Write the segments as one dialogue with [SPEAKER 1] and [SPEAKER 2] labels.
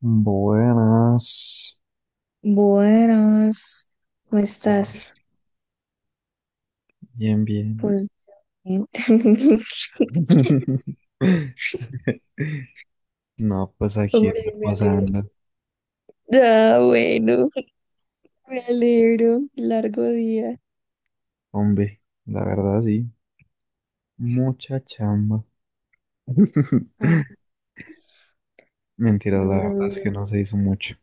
[SPEAKER 1] Buenas.
[SPEAKER 2] Buenas, ¿cómo
[SPEAKER 1] Buenas.
[SPEAKER 2] estás?
[SPEAKER 1] Bien, bien.
[SPEAKER 2] Pues bien.
[SPEAKER 1] No, pues aquí
[SPEAKER 2] Sobreviviente.
[SPEAKER 1] repasando.
[SPEAKER 2] Ah, bueno, me alegro. Largo día.
[SPEAKER 1] Hombre, la verdad sí. Mucha chamba.
[SPEAKER 2] Ah,
[SPEAKER 1] Mentira, la
[SPEAKER 2] duro,
[SPEAKER 1] verdad es
[SPEAKER 2] duro.
[SPEAKER 1] que no se hizo mucho.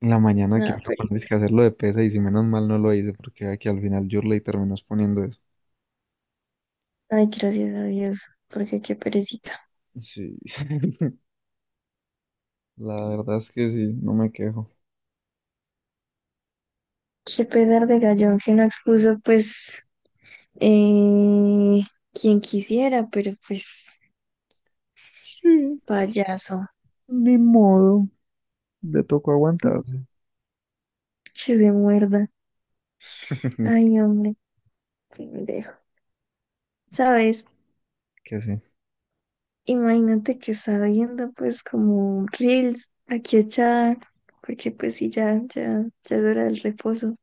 [SPEAKER 1] En la mañana que me
[SPEAKER 2] No,
[SPEAKER 1] lo
[SPEAKER 2] pero.
[SPEAKER 1] pones que hacerlo de pesa y si menos mal no lo hice porque aquí al final yo le terminó exponiendo eso.
[SPEAKER 2] Ay, gracias a Dios, porque qué perecita.
[SPEAKER 1] Sí, la verdad es que sí, no me quejo.
[SPEAKER 2] Qué pedar de gallón que no expuso, pues, eh, quien quisiera, pero pues,
[SPEAKER 1] Sí,
[SPEAKER 2] payaso.
[SPEAKER 1] ni modo, le tocó
[SPEAKER 2] Mm.
[SPEAKER 1] aguantarse.
[SPEAKER 2] Que de muerda. Ay, hombre, qué pendejo. ¿Sabes?
[SPEAKER 1] Que sí.
[SPEAKER 2] Imagínate que estaba viendo pues como reels aquí echada, porque pues sí, ya es hora del reposo.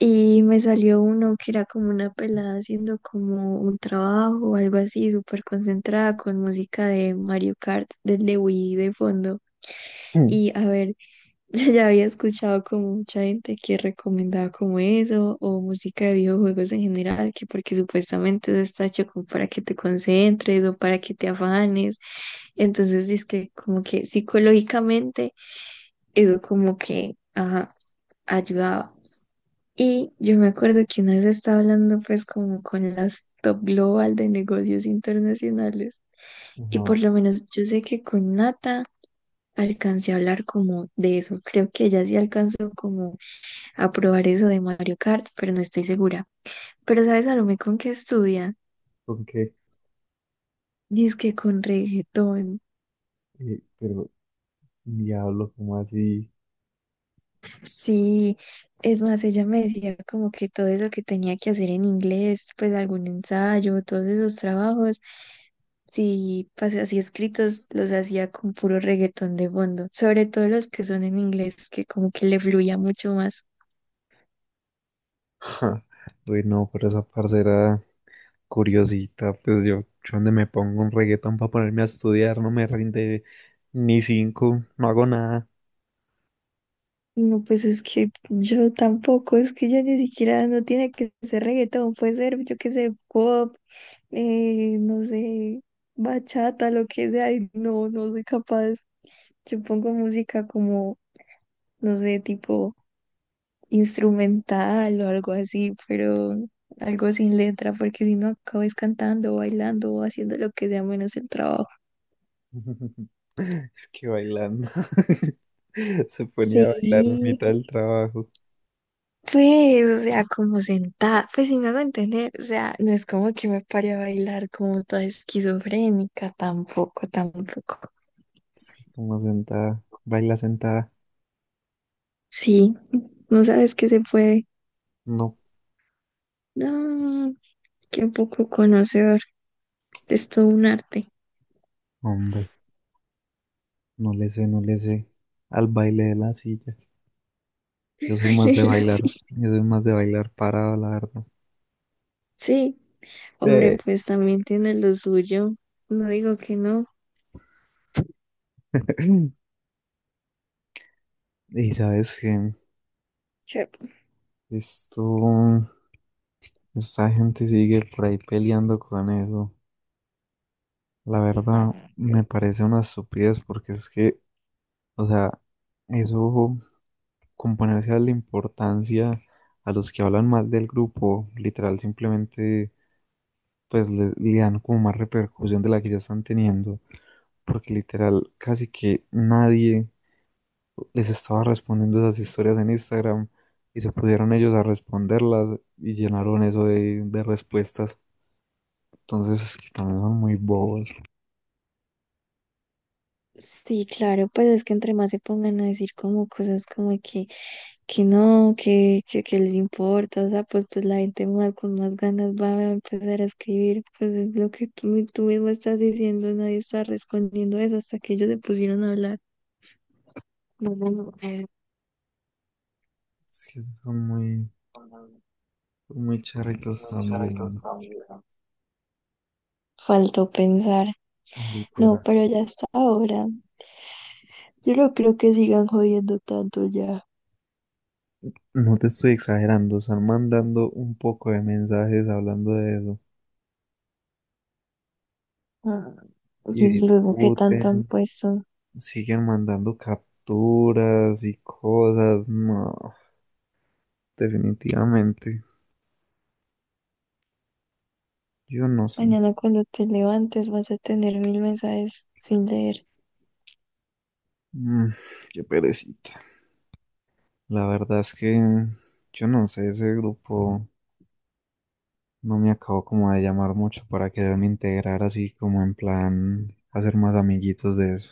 [SPEAKER 2] Y me salió uno que era como una pelada haciendo como un trabajo o algo así, súper concentrada con música de Mario Kart, del de Wii de fondo.
[SPEAKER 1] Mm.
[SPEAKER 2] Y a ver, yo ya había escuchado como mucha gente que recomendaba como eso, o música de videojuegos en general, que porque supuestamente eso está hecho como para que te concentres o para que te afanes. Entonces, es que como que psicológicamente eso como que ajá, ayudaba. Y yo me acuerdo que una vez estaba hablando pues como con las top global de negocios internacionales. Y por
[SPEAKER 1] Ajá.
[SPEAKER 2] lo menos yo sé que con Nata alcancé a hablar como de eso. Creo que ella sí alcanzó como a probar eso de Mario Kart, pero no estoy segura. Pero ¿sabes Salomé con qué estudia?
[SPEAKER 1] ¿Con qué?
[SPEAKER 2] Dice que con reggaetón.
[SPEAKER 1] Pero, diablo, ¿cómo así?
[SPEAKER 2] Sí, es más, ella me decía como que todo eso que tenía que hacer en inglés, pues algún ensayo, todos esos trabajos, sí, pues así escritos, los hacía con puro reggaetón de fondo, sobre todo los que son en inglés, que como que le fluía mucho más.
[SPEAKER 1] Ja, uy, no, pero esa parcera curiosita, pues yo donde me pongo un reggaetón para ponerme a estudiar, no me rinde ni cinco, no hago nada.
[SPEAKER 2] No, pues es que yo tampoco, es que ya ni siquiera no tiene que ser reggaetón, puede ser, yo qué sé, pop, no sé, bachata, lo que sea, y no, no soy capaz. Yo pongo música como, no sé, tipo instrumental o algo así, pero algo sin letra, porque si no acabas cantando, bailando o haciendo lo que sea menos el trabajo.
[SPEAKER 1] Es que bailando. Se ponía a bailar en
[SPEAKER 2] Sí.
[SPEAKER 1] mitad del trabajo.
[SPEAKER 2] Pues, o sea, como sentada, pues si me hago entender, o sea, no es como que me pare a bailar como toda esquizofrénica, tampoco, tampoco.
[SPEAKER 1] Es que como sentada, baila sentada.
[SPEAKER 2] Sí, no sabes que se puede.
[SPEAKER 1] No,
[SPEAKER 2] No, qué poco conocedor, es todo un arte.
[SPEAKER 1] hombre, no le sé, no le sé. Al baile de la silla. Yo soy más de
[SPEAKER 2] Bailar así.
[SPEAKER 1] bailar parado, la verdad.
[SPEAKER 2] Sí, hombre,
[SPEAKER 1] Eh.
[SPEAKER 2] pues también tiene lo suyo, no digo que no.
[SPEAKER 1] Y sabes que
[SPEAKER 2] Che,
[SPEAKER 1] esto, esta gente sigue por ahí peleando con eso. La verdad,
[SPEAKER 2] no.
[SPEAKER 1] me parece una estupidez porque es que, o sea, eso componerse a la importancia a los que hablan mal del grupo, literal, simplemente pues le dan como más repercusión de la que ya están teniendo. Porque literal, casi que nadie les estaba respondiendo esas historias en Instagram y se pusieron ellos a responderlas y llenaron eso de respuestas. Entonces, es que también son muy bobos.
[SPEAKER 2] Sí, claro, pues es que entre más se pongan a decir como cosas como que no, que les importa, o sea, pues, pues la gente más con más ganas va a empezar a escribir, pues es lo que tú mismo estás diciendo, nadie está respondiendo eso hasta que ellos se pusieron a hablar. No, no, no, eh,
[SPEAKER 1] Es que son muy charritos también,
[SPEAKER 2] Faltó pensar.
[SPEAKER 1] literal.
[SPEAKER 2] No, pero ya está ahora. Yo no creo que sigan jodiendo tanto ya.
[SPEAKER 1] No te estoy exagerando, están mandando un poco de mensajes hablando de eso
[SPEAKER 2] Ah,
[SPEAKER 1] y
[SPEAKER 2] y luego que tanto han
[SPEAKER 1] discuten,
[SPEAKER 2] puesto.
[SPEAKER 1] siguen mandando capturas y cosas. No, definitivamente, yo no sé.
[SPEAKER 2] Mañana cuando te levantes vas a tener 1000 mensajes sin leer.
[SPEAKER 1] Mm, qué perecita. La verdad es que yo no sé, ese grupo no me acabó como de llamar mucho para quererme integrar así como en plan hacer más amiguitos de eso.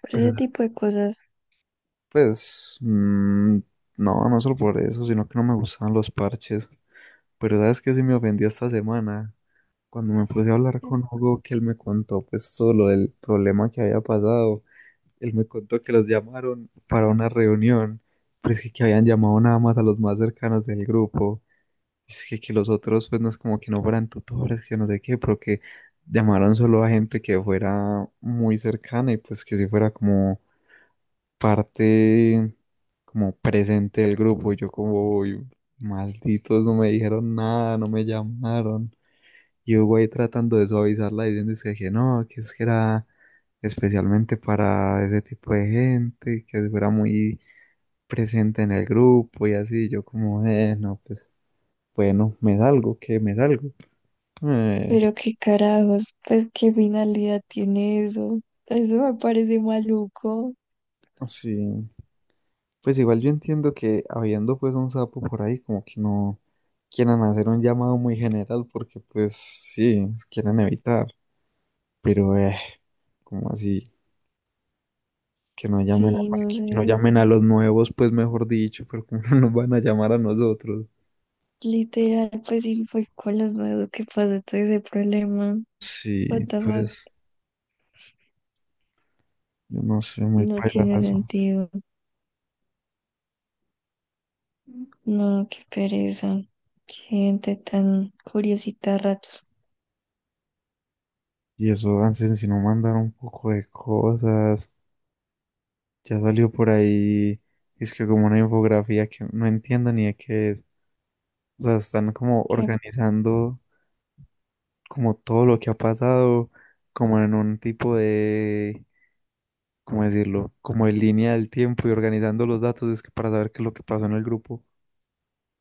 [SPEAKER 2] Por
[SPEAKER 1] Pero
[SPEAKER 2] ese tipo de cosas.
[SPEAKER 1] pues mm, no, no solo por eso, sino que no me gustaban los parches. Pero sabes que sí me ofendí esta semana cuando me puse a hablar con Hugo que él me contó pues todo lo del problema que había pasado. Él me contó que los llamaron para una reunión, pero que habían llamado nada más a los más cercanos del grupo. Que los otros, pues no es como que no fueran tutores, que no sé qué, pero que llamaron solo a gente que fuera muy cercana y pues que si fuera como parte, como presente del grupo. Y yo como: "Uy, malditos, no me dijeron nada, no me llamaron". Y yo voy tratando de suavizarla diciendo que no, que es que era especialmente para ese tipo de gente, que si fuera muy presente en el grupo y así. Yo como: "No, pues bueno, me salgo, que me salgo". Eh,
[SPEAKER 2] Pero qué carajos, pues qué finalidad tiene eso. Eso me parece maluco.
[SPEAKER 1] no, sí. Pues igual yo entiendo que habiendo pues un sapo por ahí, como que no quieran hacer un llamado muy general porque pues sí, quieren evitar. Pero como así, que no llamen a,
[SPEAKER 2] Sí, no
[SPEAKER 1] que no
[SPEAKER 2] sé.
[SPEAKER 1] llamen a los nuevos, pues mejor dicho, pero como no nos van a llamar a nosotros.
[SPEAKER 2] Literal, pues sí fue con los nuevos que pasó todo ese problema.
[SPEAKER 1] Sí,
[SPEAKER 2] What the fuck,
[SPEAKER 1] pues yo no sé, muy
[SPEAKER 2] no
[SPEAKER 1] paila el
[SPEAKER 2] tiene
[SPEAKER 1] asunto.
[SPEAKER 2] sentido. No, qué pereza. Qué gente tan curiosita a ratos.
[SPEAKER 1] Y eso, antes si no mandaron un poco de cosas, ya salió por ahí, es que como una infografía que no entiendo ni de qué es. O sea, están como
[SPEAKER 2] Qué-
[SPEAKER 1] organizando como todo lo que ha pasado, como en un tipo de, ¿cómo decirlo? Como en línea del tiempo y organizando los datos es que para saber qué es lo que pasó en el grupo.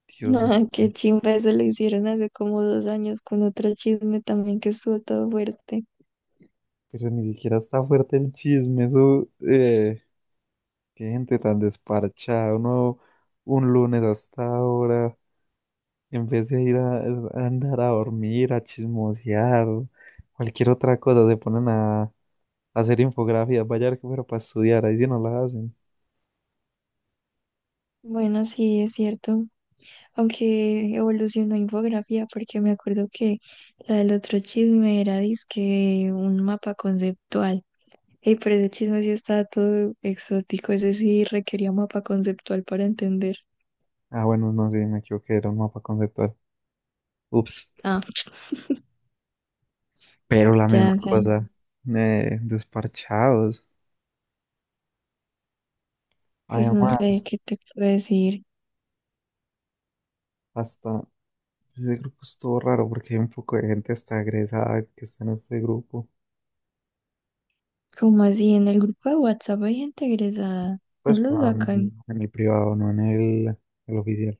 [SPEAKER 1] Dios mío,
[SPEAKER 2] No, qué chimba eso lo hicieron hace como 2 años con otro chisme también que estuvo todo fuerte.
[SPEAKER 1] pero ni siquiera está fuerte el chisme, eso, qué gente tan desparchada, uno un lunes hasta ahora, en vez de ir a andar a dormir, a chismosear, cualquier otra cosa, se ponen a hacer infografías, vaya a ver que fuera para estudiar, ahí sí no la hacen.
[SPEAKER 2] Bueno, sí, es cierto. Aunque evolucionó a infografía, porque me acuerdo que la del otro chisme era dizque un mapa conceptual. Y pero ese chisme sí estaba todo exótico, ese sí requería mapa conceptual para entender.
[SPEAKER 1] Ah, bueno, no, sí, me equivoqué, era un mapa conceptual. Ups,
[SPEAKER 2] Ah,
[SPEAKER 1] pero la misma
[SPEAKER 2] ya, ya.
[SPEAKER 1] cosa. Desparchados.
[SPEAKER 2] Pues no
[SPEAKER 1] Además,
[SPEAKER 2] sé qué te puedo decir.
[SPEAKER 1] hasta ese grupo es todo raro porque hay un poco de gente hasta egresada que está en este grupo.
[SPEAKER 2] Como así, en el grupo de WhatsApp hay gente egresada. No
[SPEAKER 1] Pues
[SPEAKER 2] lo
[SPEAKER 1] no, en
[SPEAKER 2] sacan.
[SPEAKER 1] el privado, no en el oficial.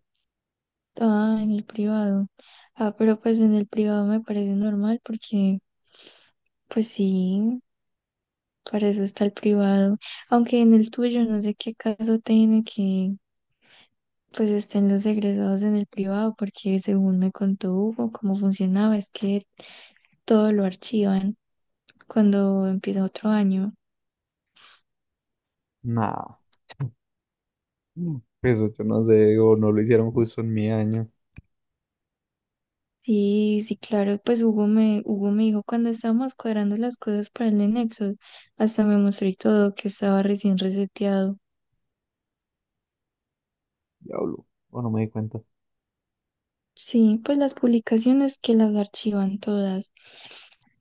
[SPEAKER 2] Ah, en el privado. Ah, pero pues en el privado me parece normal porque, pues sí, para eso está el privado. Aunque en el tuyo no sé qué caso tiene que pues estén los egresados en el privado, porque según me contó Hugo, cómo funcionaba, es que todo lo archivan cuando empieza otro año.
[SPEAKER 1] Nada. Eso yo no sé, o no lo hicieron justo en mi año.
[SPEAKER 2] Y sí, claro, pues Hugo me dijo cuando estábamos cuadrando las cosas para el de Nexus, hasta me mostró y todo que estaba recién reseteado.
[SPEAKER 1] Diablo, o no me di cuenta.
[SPEAKER 2] Sí, pues las publicaciones que las archivan todas,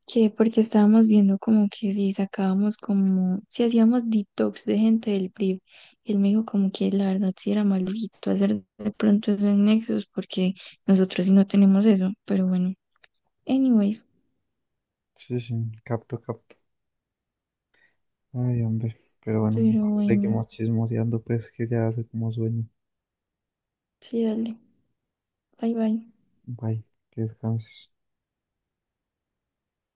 [SPEAKER 2] que porque estábamos viendo como que si sacábamos como, si hacíamos detox de gente del PRIV, y él me dijo como que la verdad sí era maluquito hacer de pronto esos nexos porque nosotros sí no tenemos eso, pero bueno, anyways,
[SPEAKER 1] Sí, sí, capto, capto. Ay, hombre, pero bueno,
[SPEAKER 2] pero bueno,
[SPEAKER 1] seguimos chismoseando, pues que ya hace como sueño.
[SPEAKER 2] sí, dale, bye bye.
[SPEAKER 1] Bye, que descanses.